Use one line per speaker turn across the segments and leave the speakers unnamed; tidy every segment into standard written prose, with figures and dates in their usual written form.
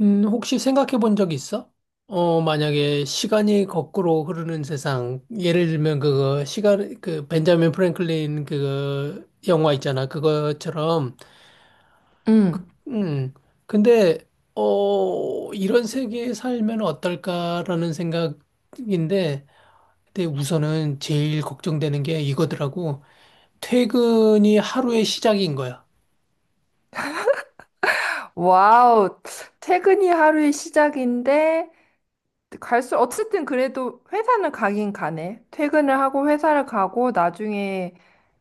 혹시 생각해 본 적 있어? 만약에 시간이 거꾸로 흐르는 세상, 예를 들면 그거, 시간, 그, 벤자민 프랭클린 그거, 영화 있잖아. 그거처럼,
응.
음, 근데, 이런 세계에 살면 어떨까라는 생각인데, 근데 우선은 제일 걱정되는 게 이거더라고. 퇴근이 하루의 시작인 거야.
와우. 퇴근이 하루의 시작인데, 어쨌든 그래도 회사는 가긴 가네. 퇴근을 하고 회사를 가고, 나중에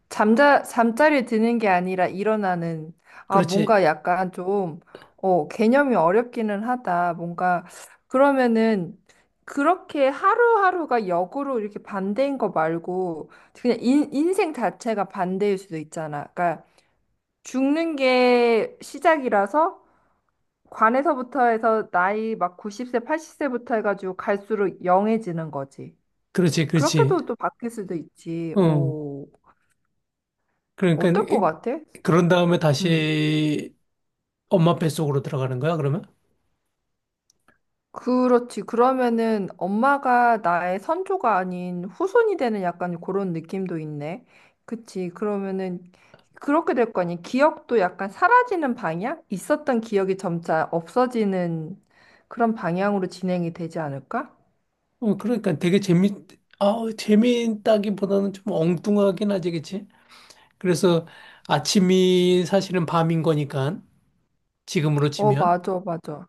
잠자리에 드는 게 아니라 일어나는, 아,
그렇지,
뭔가 약간 좀, 어, 개념이 어렵기는 하다. 뭔가, 그러면은, 그렇게 하루하루가 역으로 이렇게 반대인 거 말고, 그냥 인생 자체가 반대일 수도 있잖아. 그러니까, 죽는 게 시작이라서, 관에서부터 해서 나이 막 90세, 80세부터 해가지고 갈수록 영해지는 거지.
그렇지, 그렇지.
그렇게도 또 바뀔 수도 있지.
어,
오,
그러니까,
어떨 것 같아?
그런 다음에
음,
다시 엄마 뱃속으로 들어가는 거야, 그러면?
그렇지. 그러면은 엄마가 나의 선조가 아닌 후손이 되는 약간 그런 느낌도 있네. 그치. 그러면은 그렇게 될 거 아니. 기억도 약간 사라지는 방향? 있었던 기억이 점차 없어지는 그런 방향으로 진행이 되지 않을까?
그러니까 되게 재미있다기보다는 좀 엉뚱하긴 하지, 그치? 그래서 아침이 사실은 밤인 거니까, 지금으로
어,
치면.
맞아, 맞아.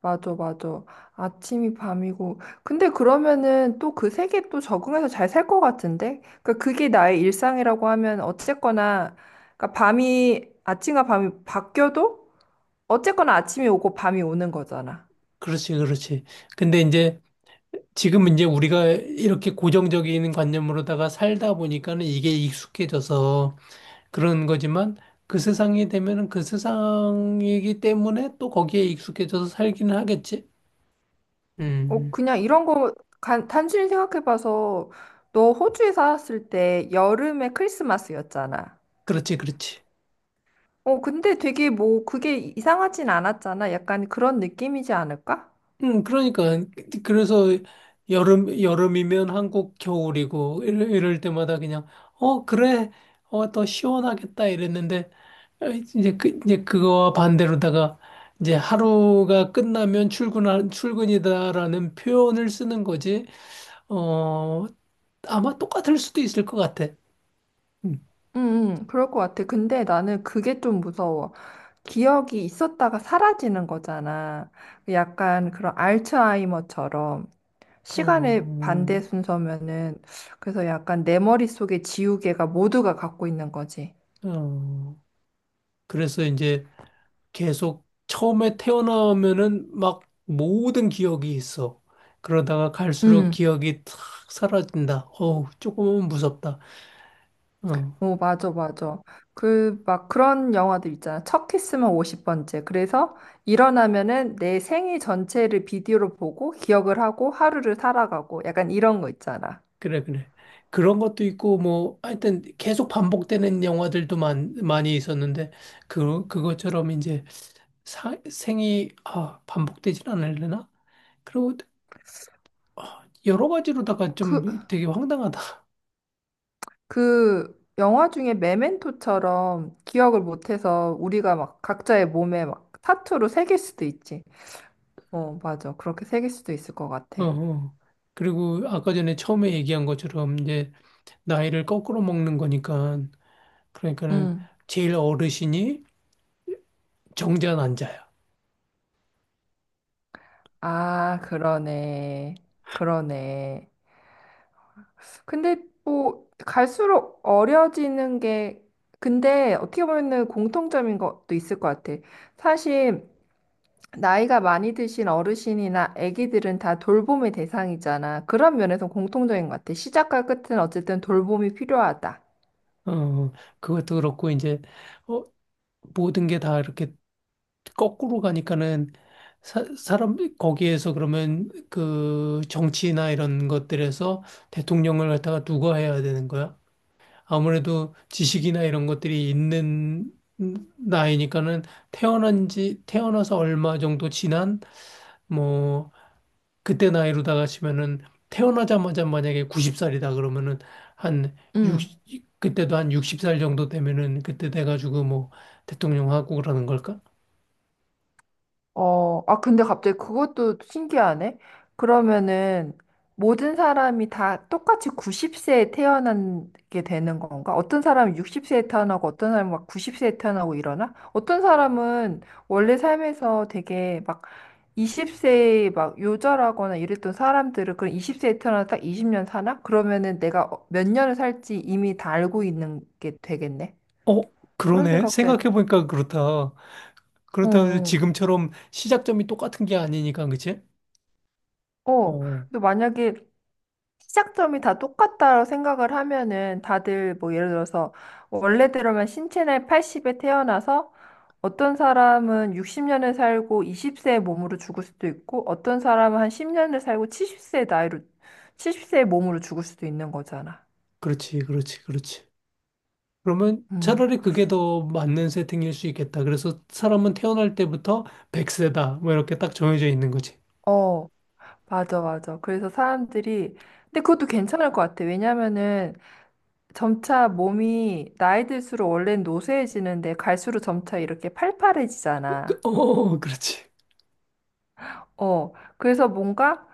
맞아, 맞아. 아침이 밤이고. 근데 그러면은 또 그 세계에 또 적응해서 잘 살 것 같은데? 그러니까 그게 나의 일상이라고 하면 어쨌거나, 그러니까 밤이, 아침과 밤이 바뀌어도 어쨌거나 아침이 오고 밤이 오는 거잖아.
그렇지, 그렇지. 근데 이제, 지금 이제 우리가 이렇게 고정적인 관념으로다가 살다 보니까는 이게 익숙해져서 그런 거지만, 그 세상이 되면은 그 세상이기 때문에 또 거기에 익숙해져서 살기는 하겠지?
어,
음,
그냥 이런 거 단순히 생각해봐서 너 호주에 살았을 때 여름에 크리스마스였잖아.
그렇지, 그렇지.
어, 근데 되게 뭐 그게 이상하진 않았잖아. 약간 그런 느낌이지 않을까?
그러니까 그래서 여름 여름이면 한국 겨울이고 이럴 때마다 그냥 어 그래 어 더 시원하겠다 이랬는데 이제 그 이제 그거와 반대로다가 이제 하루가 끝나면 출근 출근이다라는 표현을 쓰는 거지 어 아마 똑같을 수도 있을 것 같아. 음.
응, 응, 그럴 것 같아. 근데 나는 그게 좀 무서워. 기억이 있었다가 사라지는 거잖아. 약간 그런 알츠하이머처럼
어,
시간의 반대 순서면은 그래서 약간 내 머릿속에 지우개가 모두가 갖고 있는 거지.
어, 그래서 이제 계속 처음에 태어나면은 막 모든 기억이 있어. 그러다가 갈수록
응.
기억이 탁 사라진다. 어우, 조금은 무섭다. 어,
오, 맞아, 맞아. 그, 막 그런 영화들 있잖아. 첫 키스만 50번째. 그래서 일어나면은 내 생애 전체를 비디오로 보고 기억을 하고 하루를 살아가고 약간 이런 거 있잖아.
그래, 그래. 그런 것도 있고, 뭐, 하여튼 계속 반복되는 영화들도 많이 있었는데, 그것처럼 이제 생이, 반복되진 않으려나? 그리고 여러 가지로다가
그,
좀 되게 황당하다.
그 영화 중에 메멘토처럼 기억을 못해서 우리가 막 각자의 몸에 막 타투로 새길 수도 있지. 어, 맞아. 그렇게 새길 수도 있을 것 같아.
어, 어. 그리고 아까 전에 처음에 얘기한 것처럼 이제 나이를 거꾸로 먹는 거니까 그러니까는
응.
제일 어르신이 정전환자야.
아, 그러네. 그러네. 근데 뭐 갈수록 어려지는 게 근데 어떻게 보면은 공통점인 것도 있을 것 같아. 사실 나이가 많이 드신 어르신이나 아기들은 다 돌봄의 대상이잖아. 그런 면에서 공통적인 것 같아. 시작과 끝은 어쨌든 돌봄이 필요하다.
어, 그것도 그렇고 이제 어, 모든 게 다 이렇게 거꾸로 가니까는 사람 거기에서 그러면 그 정치나 이런 것들에서 대통령을 갖다가 누가 해야 되는 거야? 아무래도 지식이나 이런 것들이 있는 나이니까는 태어난 지 태어나서 얼마 정도 지난 뭐 그때 나이로다가 치면은 태어나자마자 만약에 90살이다 그러면은 한
응.
60, 그때도 한 60살 정도 되면은 그때 돼가지고 뭐 대통령 하고 그러는 걸까?
어, 아, 근데 갑자기 그것도 신기하네. 그러면은 모든 사람이 다 똑같이 90세에 태어나게 되는 건가? 어떤 사람은 60세에 태어나고 어떤 사람은 막 90세에 태어나고 이러나? 어떤 사람은 원래 삶에서 되게 막 20세에 막 요절하거나 이랬던 사람들은 그럼 20세에 태어나서 딱 20년 사나? 그러면은 내가 몇 년을 살지 이미 다 알고 있는 게 되겠네.
어,
그런
그러네.
생각도 해.
생각해보니까 그렇다.
어,
그렇다고 해서
어.
지금처럼 시작점이 똑같은 게 아니니까, 그치?
어.
어,
근데 만약에 시작점이 다 똑같다고 생각을 하면은 다들 뭐 예를 들어서 원래대로면 신체 나이 80에 태어나서 어떤 사람은 60년을 살고 20세의 몸으로 죽을 수도 있고 어떤 사람은 한 10년을 살고 70세의 나이로 70세의 몸으로 죽을 수도 있는 거잖아.
그렇지, 그렇지, 그렇지. 그러면
음.
차라리 그게 더 맞는 세팅일 수 있겠다. 그래서 사람은 태어날 때부터 100세다. 뭐 이렇게 딱 정해져 있는 거지.
어, 맞아, 맞아. 그래서 사람들이 근데 그것도 괜찮을 것 같아. 왜냐면은 점차 몸이 나이 들수록 원래는 노쇠해지는데 갈수록 점차 이렇게 팔팔해지잖아.
그렇지.
어, 그래서 뭔가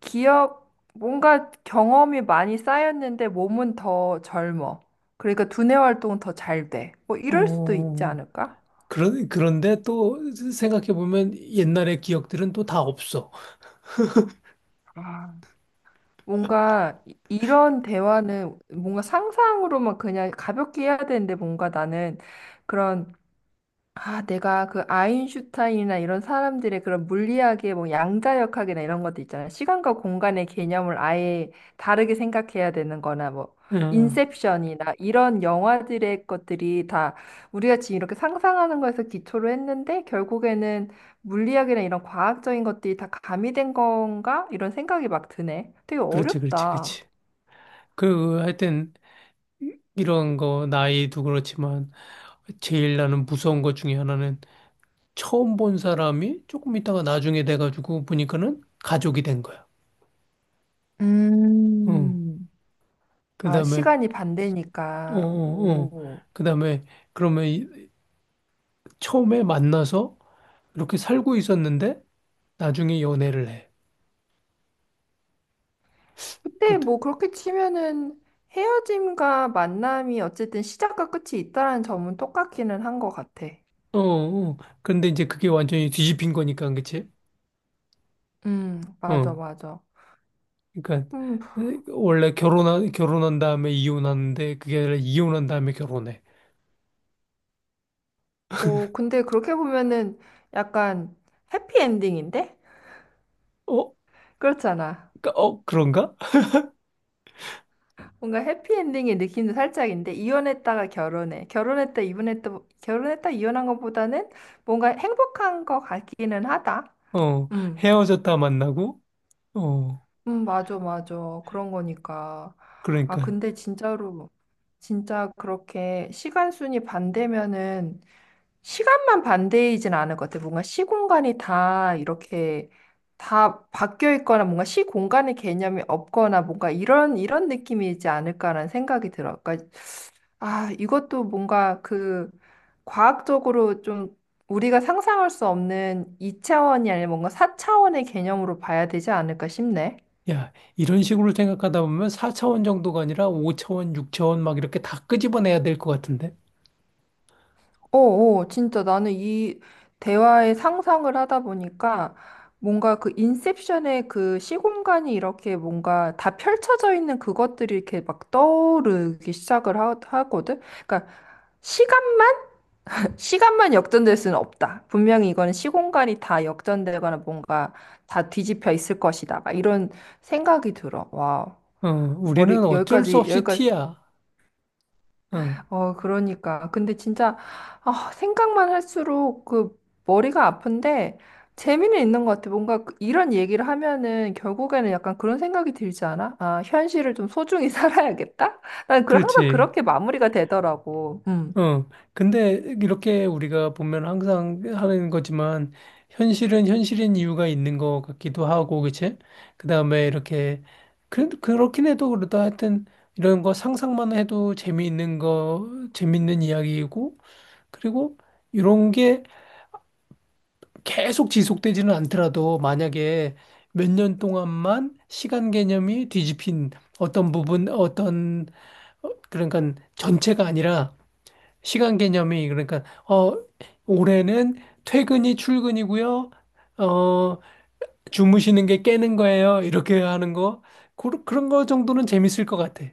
기억, 뭔가 경험이 많이 쌓였는데 몸은 더 젊어. 그러니까 두뇌 활동은 더 잘 돼. 뭐 이럴 수도 있지
어.
않을까?
그런데 또 생각해 보면 옛날의 기억들은 또 다 없어.
아, 뭔가 이런 대화는 뭔가 상상으로만 그냥 가볍게 해야 되는데 뭔가 나는 그런 아, 내가 그 아인슈타인이나 이런 사람들의 그런 물리학의 뭐 양자역학이나 이런 것도 있잖아. 시간과 공간의 개념을 아예 다르게 생각해야 되는 거나 뭐
응,
인셉션이나 이런 영화들의 것들이 다 우리가 지금 이렇게 상상하는 거에서 기초로 했는데 결국에는 물리학이나 이런 과학적인 것들이 다 가미된 건가? 이런 생각이 막 드네. 되게
그렇지, 그렇지,
어렵다.
그렇지. 하여튼, 이런 거, 나이도 그렇지만, 제일 나는 무서운 것 중에 하나는 처음 본 사람이 조금 있다가 나중에 돼가지고 보니까는 가족이 된 거야. 응.
음,
그
아,
다음에,
시간이
어,
반대니까.
어, 어.
오.
그 다음에, 그러면 처음에 만나서 이렇게 살고 있었는데, 나중에 연애를 해. 그
그때
것
뭐 그렇게 치면은 헤어짐과 만남이 어쨌든 시작과 끝이 있다라는 점은 똑같기는 한 것 같아.
어, 어. 근데 이제 그게 완전히 뒤집힌 거니까, 그치?
맞아,
어,
맞아.
그러니까
음,
원래 결혼한 결혼한 다음에 이혼하는데 그게 아니라 이혼한 다음에 결혼해.
어, 근데 그렇게 보면은 약간 해피엔딩인데?
어,
그렇잖아.
그런가?
뭔가 해피엔딩의 느낌도 살짝인데, 이혼했다가 결혼해. 결혼했다, 이혼했다, 결혼했다, 이혼한 것보다는 뭔가 행복한 것 같기는 하다.
어,
음.
헤어졌다 만나고. 어,
맞아, 맞아. 그런 거니까. 아,
그러니까
근데 진짜로, 진짜 그렇게 시간순이 반대면은, 시간만 반대이진 않을 것 같아. 뭔가 시공간이 다 이렇게 다 바뀌어 있거나 뭔가 시공간의 개념이 없거나 뭔가 이런, 이런 느낌이지 않을까라는 생각이 들어. 그러니까, 아, 이것도 뭔가 그 과학적으로 좀 우리가 상상할 수 없는 이차원이 아니라 뭔가 사차원의 개념으로 봐야 되지 않을까 싶네.
야 이런 식으로 생각하다 보면 4차원 정도가 아니라 5차원, 6차원 막 이렇게 다 끄집어내야 될 것 같은데.
어, 어, 진짜 나는 이 대화의 상상을 하다 보니까 뭔가 그 인셉션의 그 시공간이 이렇게 뭔가 다 펼쳐져 있는 그것들이 이렇게 막 떠오르기 시작을 하거든. 그러니까 시간만 시간만 역전될 수는 없다. 분명히 이거는 시공간이 다 역전되거나 뭔가 다 뒤집혀 있을 것이다. 막 이런 생각이 들어. 와, 머리
우리는 어쩔 수
여기까지
없이
여기까지
T야. 어,
어, 그러니까. 근데 진짜, 아, 생각만 할수록 그 머리가 아픈데 재미는 있는 것 같아. 뭔가 이런 얘기를 하면은 결국에는 약간 그런 생각이 들지 않아? 아, 현실을 좀 소중히 살아야겠다? 난 그, 항상
그렇지.
그렇게 마무리가 되더라고. 음.
어, 근데 이렇게 우리가 보면 항상 하는 거지만 현실은 현실인 이유가 있는 것 같기도 하고, 그치? 그다음에 이렇게 그렇긴 해도 그렇다 하여튼 이런 거 상상만 해도 재미있는 거 재밌는 이야기이고 그리고 이런 게 계속 지속되지는 않더라도 만약에 몇 년 동안만 시간 개념이 뒤집힌 어떤 부분 어떤 그러니까 전체가 아니라 시간 개념이 그러니까 어 올해는 퇴근이 출근이고요. 어 주무시는 게 깨는 거예요. 이렇게 하는 거 그, 런거 정도는 재밌을 것 같아.